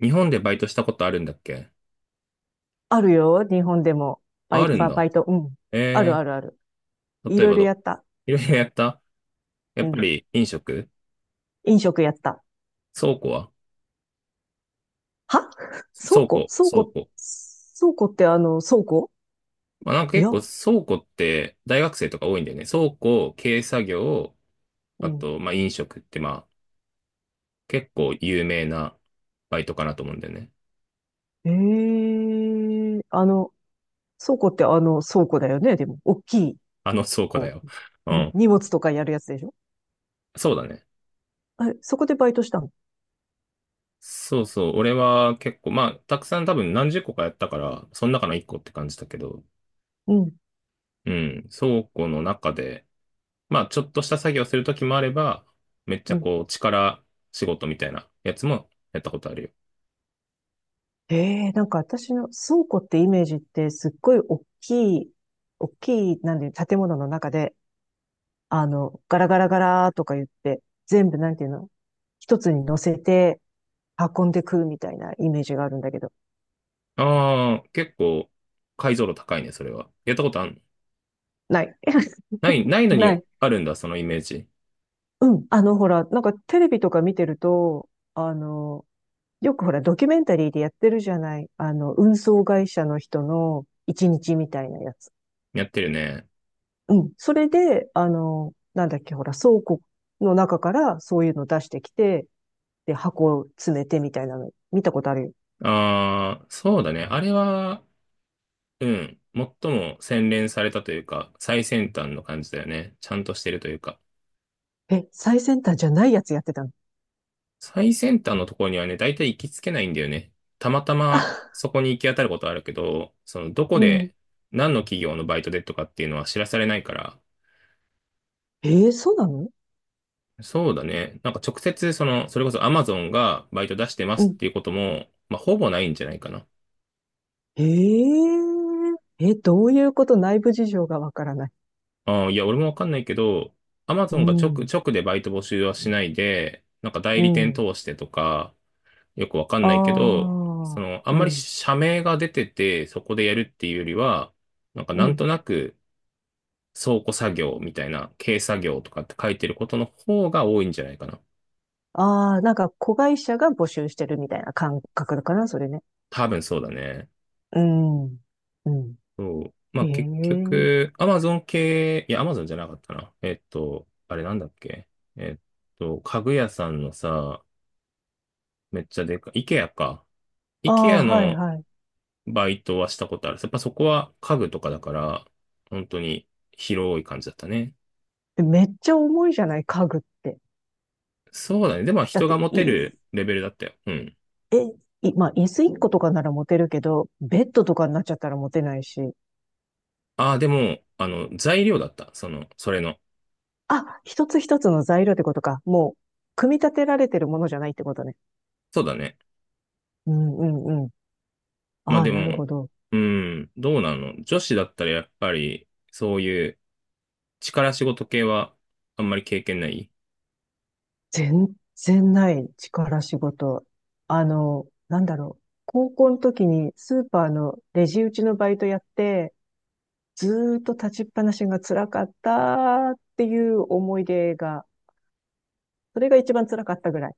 日本でバイトしたことあるんだっけ？あるよ、日本でも。ああるんだ。バイト、うん。あるえあるある。い例えろいばろやった。いろいろやった？やうっぱん。り飲食？飲食やった。倉庫は？は倉庫倉倉庫、庫。倉庫って倉庫まあ、なんかい結や、構倉庫って大学生とか多いんだよね。倉庫、軽作業、うあん。と、まあ、飲食ってまあ、結構有名なバイトかなと思うんだよね。ええあの、倉庫って倉庫だよね、でも。大きい、あの倉庫だこよ。うう、うん、ん。荷物とかやるやつでしょ？そうだね。あれ、そこでバイトしたの？そうそう。俺は結構、まあ、たくさん多分何十個かやったから、その中の一個って感じだけど。うん、うん。倉庫の中で、まあ、ちょっとした作業するときもあれば、めっちうゃん。こう、力仕事みたいなやつもやったことあるよ。えなんか私の倉庫ってイメージってすっごい大きい、大きい、なんで、建物の中で、ガラガラガラとか言って、全部なんていうの？一つに乗せて運んでくるみたいなイメージがあるんだけど。ああ、結構、解像度高いね、それは。やったことあんの？ない。ない、ないの なにい。あるんだ、そのイメージ。うん。ほら、なんかテレビとか見てると、よくほら、ドキュメンタリーでやってるじゃない。運送会社の人の一日みたいなやつ。やってるね。うん。それで、なんだっけ、ほら、倉庫の中からそういうの出してきて、で、箱を詰めてみたいなの、見たことあるよ。ああ、そうだね。あれは、うん、最も洗練されたというか、最先端の感じだよね。ちゃんとしてるというか。え、最先端じゃないやつやってたの？最先端のところにはね、大体行きつけないんだよね。たまたま そこに行き当たることはあるけど、そのどこうん。で何の企業のバイトでとかっていうのは知らされないから。そうなの？そうだね。なんか直接その、それこそ Amazon がバイト出してまうすっん。ていうことも、まあほぼないんじゃないかな。え、どういうこと？内部事情がわからない。あーいや、俺もわかんないけど、う Amazon がん。直でバイト募集はしないで、なんか代う理店ん。通してとか、よくわかんないけあど、そあ、の、あんうまりん。社名が出てて、そこでやるっていうよりは、なんかうなんん。となく、倉庫作業みたいな、軽作業とかって書いてることの方が多いんじゃないかな。ああ、なんか子会社が募集してるみたいな感覚だかな、それね。多分そうだね。うん。うん。そう。まへあ結え。局、Amazon 系、いや、Amazon じゃなかったな。えっと、あれなんだっけ。えっ家具屋さんのさ、めっちゃでかい、IKEA か。ああ、IKEA はいのはい。バイトはしたことある。やっぱそこは家具とかだから、本当に広い感じだったね。でめっちゃ重いじゃない、家具って。そうだね。でもだっ人がて、持てい、るレベルだったよ。うん。え、い、まあ、椅子1個とかなら持てるけど、ベッドとかになっちゃったら持てないし。ああ、でも、あの、材料だった。その、それの。あ、一つ一つの材料ってことか。もう、組み立てられてるものじゃないってことね。そうだね。うんうんうん。まあああ、でなるも、ほど。うん、どうなの？女子だったらやっぱり、そういう力仕事系はあんまり経験ない？全然ない力仕事。なんだろう。高校の時にスーパーのレジ打ちのバイトやって、ずーっと立ちっぱなしが辛かったっていう思い出が、それが一番辛かったぐらい。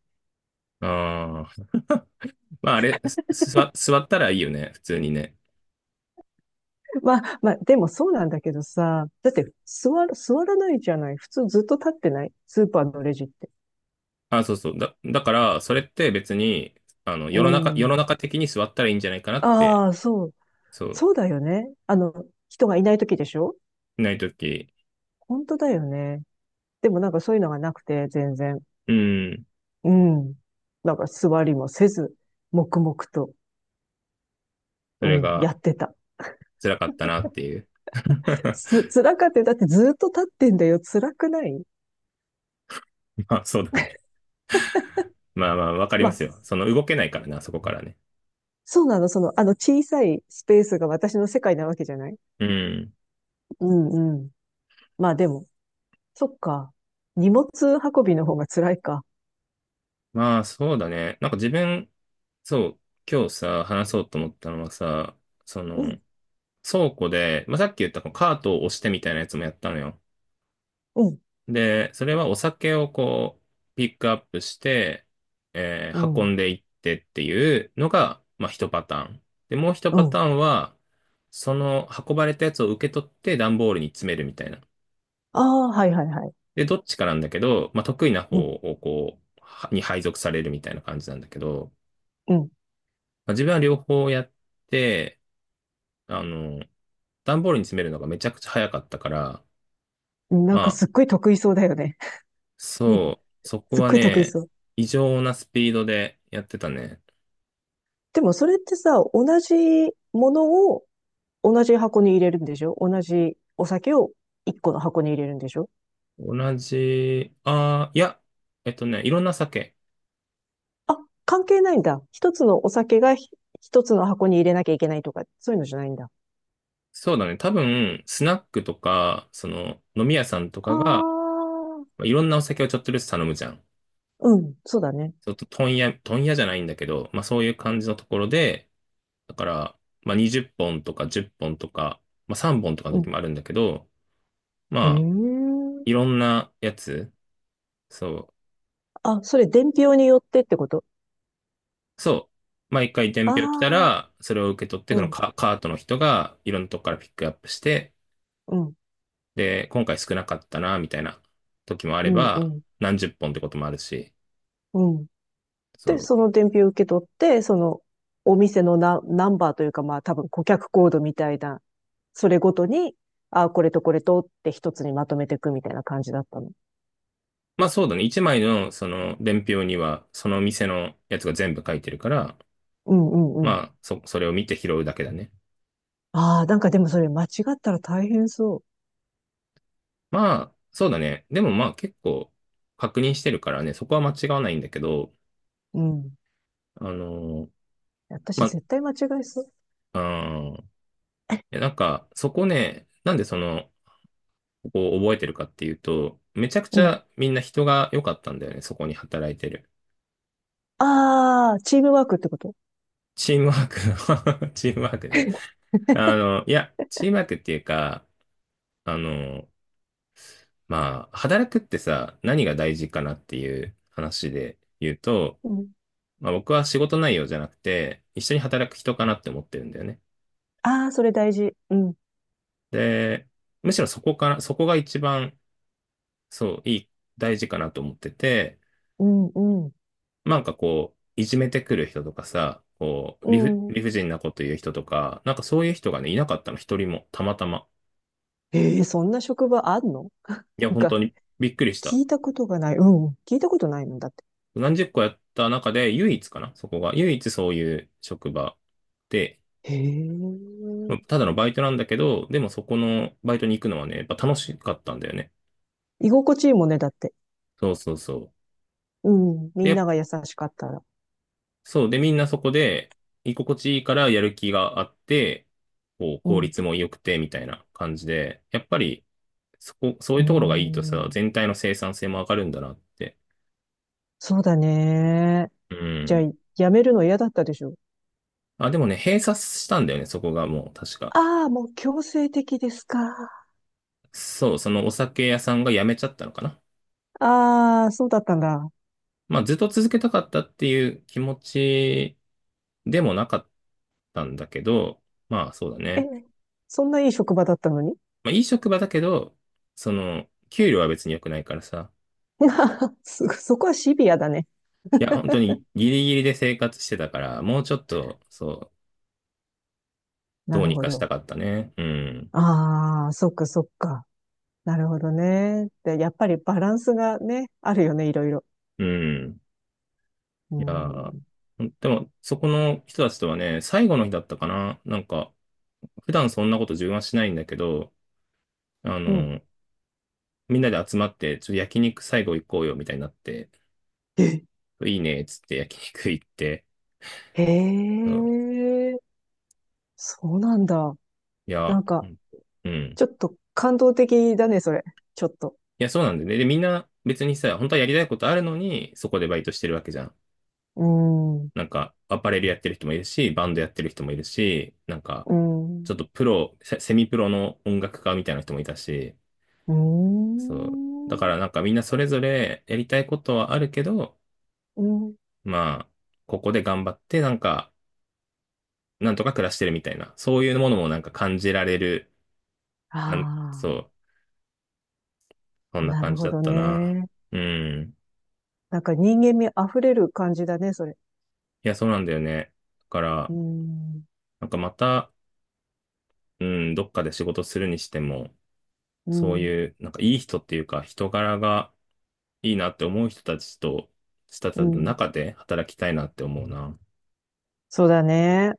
ああ、まああれ、座ったらいいよね、普通にね。まあまあ、でもそうなんだけどさ、だって座る、座らないじゃない。普通ずっと立ってない？スーパーのレジって。あ、そうそう。だから、それって別に、あの、う世のん。中的に座ったらいいんじゃないかなって。ああ、そう。そう、そうだよね。人がいない時でしょ？ないとき、本当だよね。でもなんかそういうのがなくて、全然。うん、うん。なんか座りもせず、黙々と、そうれん、がやってた。辛かったなっていう。辛かったよ。だってずっと立ってんだよ。辛くない？まあそうだね。まあまあ、わかりままあ、すよ。その動けないからな、そこからね。そうなの。その、あの小さいスペースが私の世界なわけじゃない？うん。うんうん。まあでも、そっか。荷物運びの方が辛いか。まあ、そうだね。なんか自分、そう、今日さ、話そうと思ったのはさ、そうの、ん、倉庫で、まあ、さっき言ったこうカートを押してみたいなやつもやったのよ。うん、で、それはお酒をこう、ピックアップして、う運ん、んでいってっていうのが、まあ、一パターン。で、もう一うパん。ターンは、その運ばれたやつを受け取って段ボールに詰めるみたいな。ああ、はいはいはい。で、どっちかなんだけど、まあ、得意な方うん、をこう、はに配属されるみたいな感じなんだけど、うん。まあ、自分は両方やって、あの、段ボールに詰めるのがめちゃくちゃ早かったから。なまんかあ、すっごい得意そうだよね。そう、そこすっはごい得意ね、そう。異常なスピードでやってたね。でもそれってさ、同じものを同じ箱に入れるんでしょ？同じお酒を一個の箱に入れるんでしょ？同じ、ああ、いや、えっとね、いろんな酒。あ、関係ないんだ。一つのお酒が一つの箱に入れなきゃいけないとか、そういうのじゃないんだ。そうだね、多分、スナックとか、その、飲み屋さんとあかが、あ、まあいろんなお酒をちょっとずつ頼むじゃん。うん、そうだね。ちょっと問屋じゃないんだけど、まあそういう感じのところで、だから、まあ20本とか10本とか、まあ3本とかのう時ん。もあるんだけど、へまあ、え。いろんなやつ、そう、あ、それ伝票によってってこと？そう。毎回伝あ票来たあら、それを受け取って、ー、そのうん、カートの人がいろんなとこからピックアップして、うん、で、今回少なかったな、みたいな時もあれうん、うば、ん、何十本ってこともあるし。うん。そで、う。その伝票を受け取って、そのお店のナンバーというか、まあ多分顧客コードみたいな、それごとに、あ、これとこれとって一つにまとめていくみたいな感じだったの？まあそうだね。一枚のその伝票には、その店のやつが全部書いてるから、うんうんうん。まあ、それを見て拾うだけだね。ああ、なんかでもそれ間違ったら大変そまあ、そうだね。でもまあ結構確認してるからね、そこは間違わないんだけど。う。うん。あのー私ま絶対間違えそう。あ、うん。で、なんか、そこね、なんでその、ここを覚えてるかっていうと、めちゃくちうん。ゃみんな人が良かったんだよね、そこに働いてる。ああ、チームワークってこと？チームワーク。 チームワークね。あの、いや、チームワークっていうか、あの、まあ、働くってさ、何が大事かなっていう話で言うと、うん。まあ、僕は仕事内容じゃなくて、一緒に働く人かなって思ってるんだよね。ああ、それ大事。うん。で、むしろそこから、そこが一番、そう、いい、大事かなと思ってて、うん、うん。なんかこう、いじめてくる人とかさ、こう、うん。理不尽なこと言う人とか、なんかそういう人がね、いなかったの、一人も、たまたま。ええ、そんな職場あんの？いや、なん本か、当にびっくりした。聞いたことがない。うん。聞いたことないのだって。何十個やった中で、唯一かな、そこが。唯一そういう職場で、へえ。まあただのバイトなんだけど、でもそこのバイトに行くのはね、やっぱ楽しかったんだよね。居心地いいもんね、だって。そうそうそう。うん。でみやんっなが優しかったら。そう。で、みんなそこで、居心地いいからやる気があって、こう、う効ん。率も良くて、みたいな感じで、やっぱり、そこ、そういうーうところがいいとさ、ん。全体の生産性も上がるんだなって。そうだね。うじゃあ、ん。辞めるの嫌だったでしょ？あ、でもね、閉鎖したんだよね、そこがもう、確か。ああー、もう強制的ですか？そう、そのお酒屋さんが辞めちゃったのかな。ああ、そうだったんだ。まあ、ずっと続けたかったっていう気持ちでもなかったんだけど、まあ、そうだえ、ね。そんないい職場だったのに？ まあ、いい職場だけど、その、給料は別に良くないからさ。そこはシビアだね。いや、本当にギリギリで生活してたから、もうちょっと、そう、などうるにほかしたど。かったね。うん。ああ、そっかそっか。なるほどね。で、やっぱりバランスがね、あるよね、いろいろ。うん。ういやん。ー、でも、そこの人たちとはね、最後の日だったかな。なんか、普段そんなこと自分はしないんだけど、あうん。の、みんなで集まって、ちょっと焼肉最後行こうよ、みたいになって、えいいね、っつって焼肉行って、へそう。え、そうなんだ。いや、なんうか、んうん。ちょっと感動的だね、それ。ちょっと。いや、そうなんだよね。で、みんな別にさ、本当はやりたいことあるのに、そこでバイトしてるわけじゃん。うーん、うなんか、アパレルやってる人もいるし、バンドやってる人もいるし、なんか、ーちょん、っとプロ、セセミプロの音楽家みたいな人もいたし。うーそう。だかん、らなんかみんなそれぞれやりたいことはあるけど、うん。まあ、ここで頑張って、なんか、なんとか暮らしてるみたいな、そういうものもなんか感じられる、あん、そあう、そんあ、ななる感じほだっどたな。ね。うん。なんか人間味あふれる感じだね、それ。いや、そうなんだよね。だかうーら、ん、なんかまた、うん、どっかで仕事するにしても、うそうん、いう、なんかいい人っていうか、人柄が、いいなって思う人たちと、人たうちのん。中で働きたいなって思うな。そうだね。